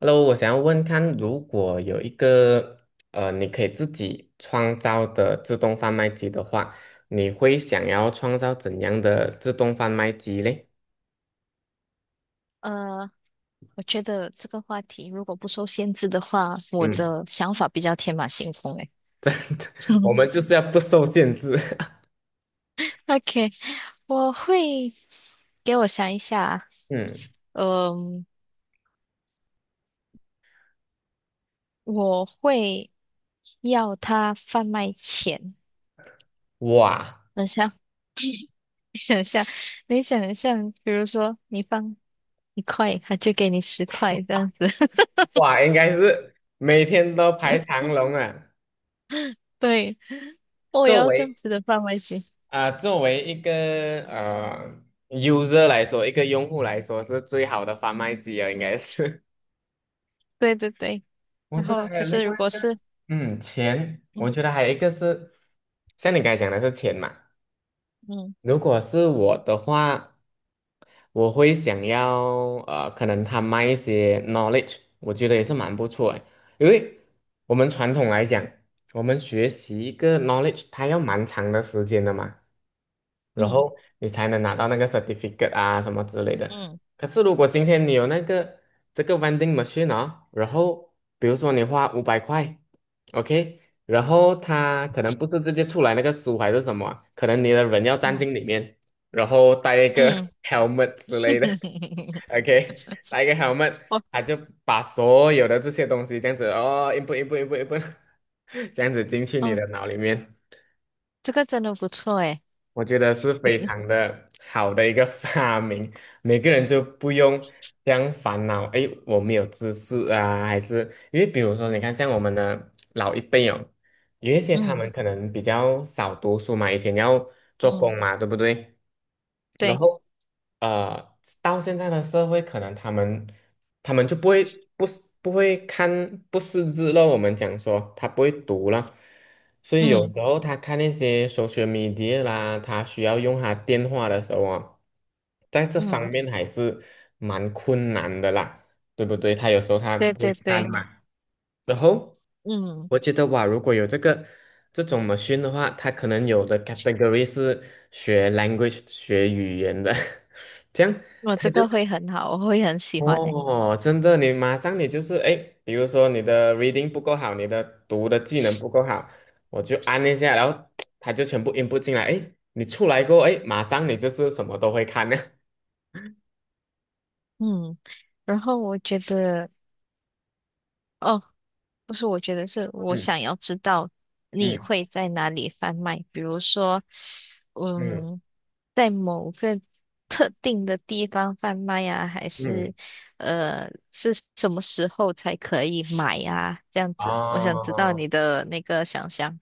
Hello，我想要问看，如果有一个你可以自己创造的自动贩卖机的话，你会想要创造怎样的自动贩卖机嘞？呃，我觉得这个话题如果不受限制的话，我嗯，的想法比较天马行空诶。我们 就是要不受限制。OK，我会给我想一下，嗯，嗯、我会要他贩卖钱。哇等一下，你想象，比如说你放一块，他就给你十块这样子。哇，应该是每天都排长龙啊。对，我作要这样为子的范围型。作为一个呃 user 来说，一个用户来说，是最好的贩卖机啊，应该是。对对对，我然觉得后还可有另是如外果一个，是嗯，钱，我嗯觉得还有一个是，像你刚才讲的是钱嘛。嗯如果是我的话，我会想要可能他卖一些 knowledge，我觉得也是蛮不错的。因为我们传统来讲，我们学习一个 knowledge，它要蛮长的时间的嘛，然嗯后你才能拿到那个 certificate 啊什么之类的。嗯可是如果今天你有这个 vending machine 啊、然后比如说你花500块。OK，然后他可能不是直接出来那个书还是什么啊可能你的人要站嗯进里面，然后戴一个 嗯。 helmet 之类的 ，OK，戴一个 helmet，我它就把所有的这些东西这样子哦一步一步一步一步 这样子进去你哦，的脑里面。这个真的不错诶。我觉得是非嗯常的好的一个 发明，每个人就不用这样烦恼，诶，我没有知识啊，还是因为比如说，你看像我们的老一辈哦，有一些他嗯们可能比较少读书嘛，以前要做嗯，工嘛，对不对？然对，后到现在的社会，可能他们就不会不是不会看不识字了。我们讲说他不会读了，所以有时嗯候他看那些 social media 啦，他需要用他电话的时候啊，在这方嗯，面还是蛮困难的啦，对不对？他有时候他对不会对看对，嘛，然后嗯，我觉得哇，如果有这种 machine 的话，它可能有的 category 是学 language 学语言的，这样我它这就个会很好，我会很喜欢诶。哦，真的，你马上你就是哎，诶比如说你的 reading 不够好，你的读的技能不够好，我就按一下，然后它就全部 input 进来，哎，你出来过后，哎，马上你就是什么都会看呢。嗯，然后我觉得，哦，不是，我觉得是我嗯想要知道你嗯会在哪里贩卖，比如说，嗯嗯。在某个特定的地方贩卖呀，还是嗯，是什么时候才可以买呀？这样子，我想知道哦，你的那个想象。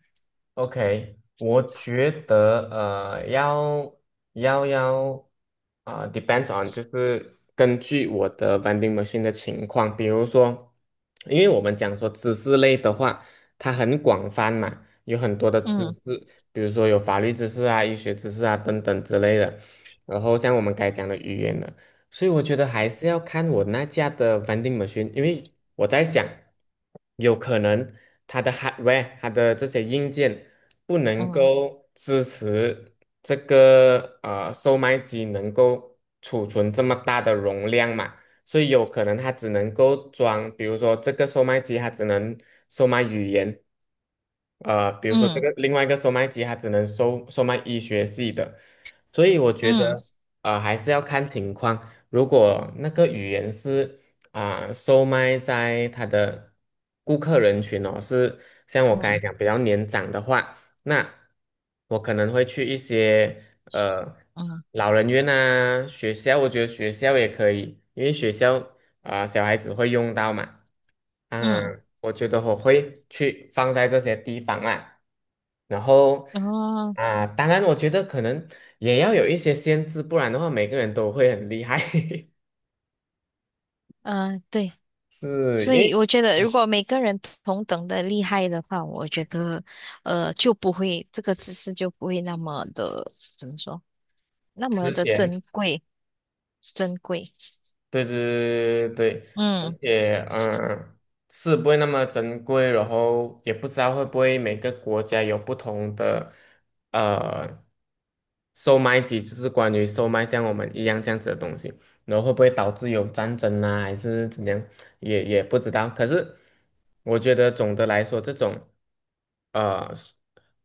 OK，我觉得要d e p e n d s on，就是根据我的 vending machine 的情况，比如说，因为我们讲说知识类的话，它很广泛嘛，有很多的知嗯识，比如说有法律知识啊、医学知识啊等等之类的。然后像我们该讲的语言的，所以我觉得还是要看我那家的 vending machine，因为我在想，有可能它的 hardware，它的这些硬件不能嗯够支持这个售卖机能够储存这么大的容量嘛，所以有可能它只能够装，比如说这个售卖机它只能售卖语言，呃，比如说这嗯个另外一个售卖机它只能售卖医学系的，所以我觉得嗯还是要看情况。如果那个语言是售卖在他的顾客人群哦，是像我刚才嗯讲比较年长的话，那我可能会去一些呃嗯老人院啊、学校，我觉得学校也可以，因为学校小孩子会用到嘛，啊、嗯，我觉得我会去放在这些地方啊。然后然后当然我觉得可能也要有一些限制，不然的话每个人都会很厉害，嗯，呃对，是因所以为。我觉得如果每个人同等的厉害的话，我觉得就不会这个知识就不会那么的怎么说，那么之的前，珍贵。对对对对对，而嗯且是不会那么珍贵，然后也不知道会不会每个国家有不同的呃售卖机，就是关于售卖像我们一样这样子的东西。然后会不会导致有战争啊，还是怎么样，也不知道。可是我觉得总的来说，这种呃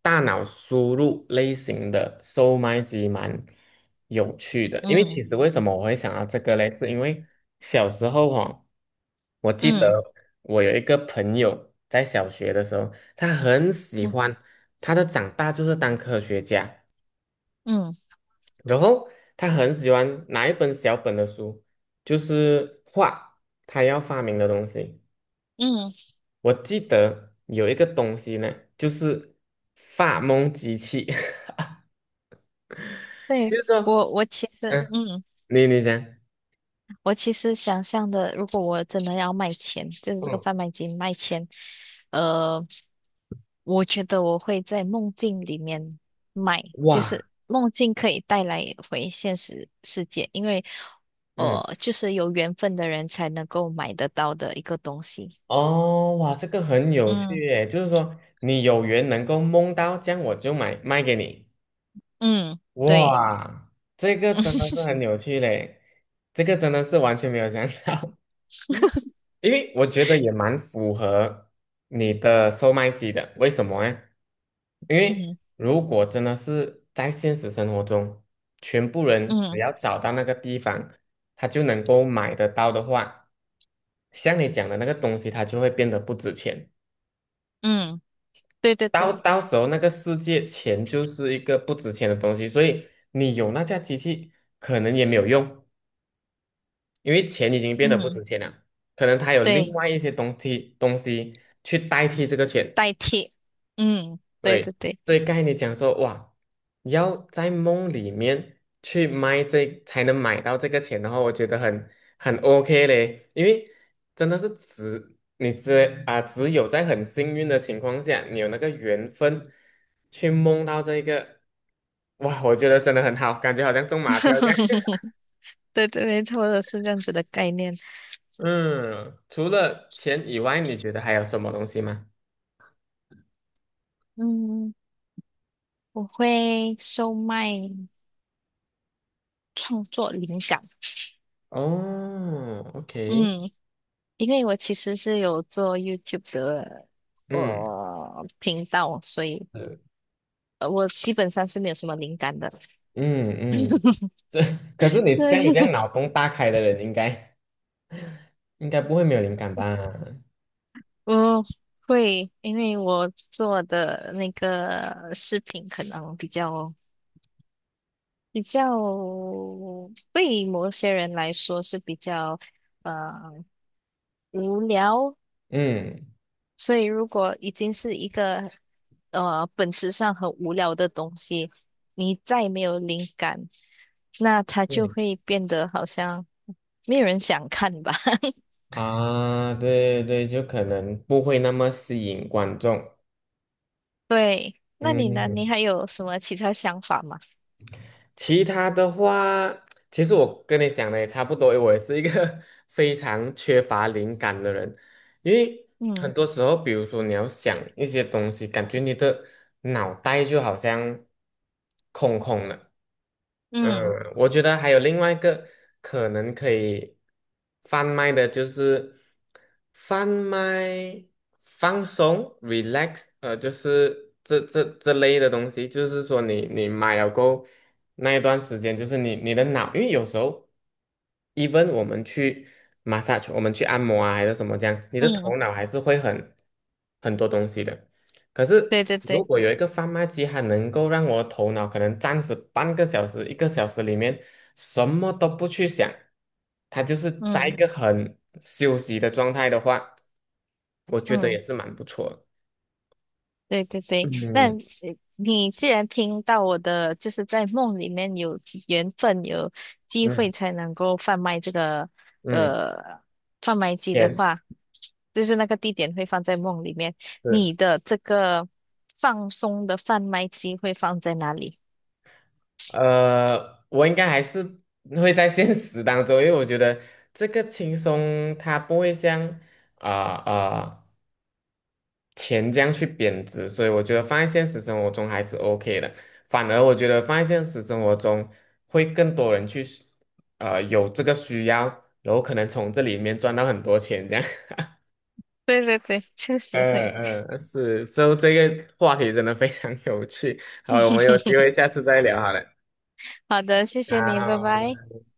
大脑输入类型的售卖机蛮有趣的，因为其嗯实为什么我会想到这个嘞，是因为小时候哦，我记嗯得我有一个朋友在小学的时候，他很喜欢，嗯他的长大就是当科学家。嗯然后他很喜欢拿一本小本的书，就是画他要发明的东西。嗯，我记得有一个东西呢，就是发梦机器，对，就是说，我其实，嗯，嗯，你你讲。我其实想象的，如果我真的要卖钱，就是这个嗯，贩卖机卖钱，呃，我觉得我会在梦境里面卖，就哇，是梦境可以带来回现实世界，因为，嗯，就是有缘分的人才能够买得到的一个东西。哦，哇，这个很有趣嗯耶，就是说你有缘能够梦到，这样我就买卖给你。嗯，对，哇，这个真的是 很有趣嘞，这个真的是完全没有想到。因为我觉得也蛮符合你的售卖机的，为什么呢？因为嗯如果真的是在现实生活中，全部人只嗯要找到那个地方，他就能够买得到的话，像你讲的那个东西，它就会变得不值钱。嗯，对对对，到时候那个世界钱就是一个不值钱的东西，所以你有那架机器可能也没有用，因为钱已经变得不嗯值钱了。可能它有另对，外一些东西去代替这个钱。代替，嗯，对对，对对。对，刚才你讲说，哇，你要在梦里面去卖这，才能买到这个钱的话，我觉得很 OK 嘞，因为真的是只只有在很幸运的情况下，你有那个缘分去梦到这个，哇，我觉得真的很好，感觉好像中马票这样。对对，没错的，是这样子的概念。嗯，除了钱以外，你觉得还有什么东西吗？嗯，我会售卖创作灵感。哦，OK，嗯，因为我其实是有做 YouTube 的嗯我频道，所以是我基本上是没有什么灵感的。嗯嗯。可是你像你这样对，脑洞大开的人，应该不会没有灵感吧？我会，因为我做的那个视频可能比较对某些人来说是比较呃无聊，嗯，所以如果已经是一个本质上很无聊的东西，你再没有灵感，那它就对会变得好像没有人想看吧。啊，对对对，就可能不会那么吸引观众。对，那你呢？嗯，你还有什么其他想法吗？其他的话，其实我跟你想的也差不多，我也是一个 非常缺乏灵感的人。因为很嗯多时候，比如说你要想一些东西，感觉你的脑袋就好像空空的。嗯，嗯我觉得还有另外一个可能可以贩卖的，就是贩卖放松 （relax），呃，就是这类的东西。就是说你，你买了够那一段时间，就是你的脑，因为有时候。even 我们去 massage，我们去按摩啊，还是什么这样，你的嗯，头脑还是会很很多东西的。可对是对如对，果有一个贩卖机，它能够让我头脑可能暂时半个小时、1个小时里面什么都不去想，它就是在一嗯个很休息的状态的话，我觉得也嗯。是蛮不错的。对对对，那嗯你既然听到我的，就是在梦里面有缘分、有机嗯会才能够贩卖这个嗯，呃贩卖机的也话，就是那个地点会放在梦里面。是。你的这个放松的贩卖机会放在哪里？我应该还是会在现实当中，因为我觉得这个轻松它不会像啊啊、钱这样去贬值，所以我觉得放在现实生活中还是 OK 的。反而我觉得放在现实生活中会更多人去有这个需要，然后可能从这里面赚到很多钱这样。对对对，确实会。嗯嗯，是，所以这个话题真的非常有趣。好，我们有机会 下次再聊好了。好的，谢谢你，拜拜。好，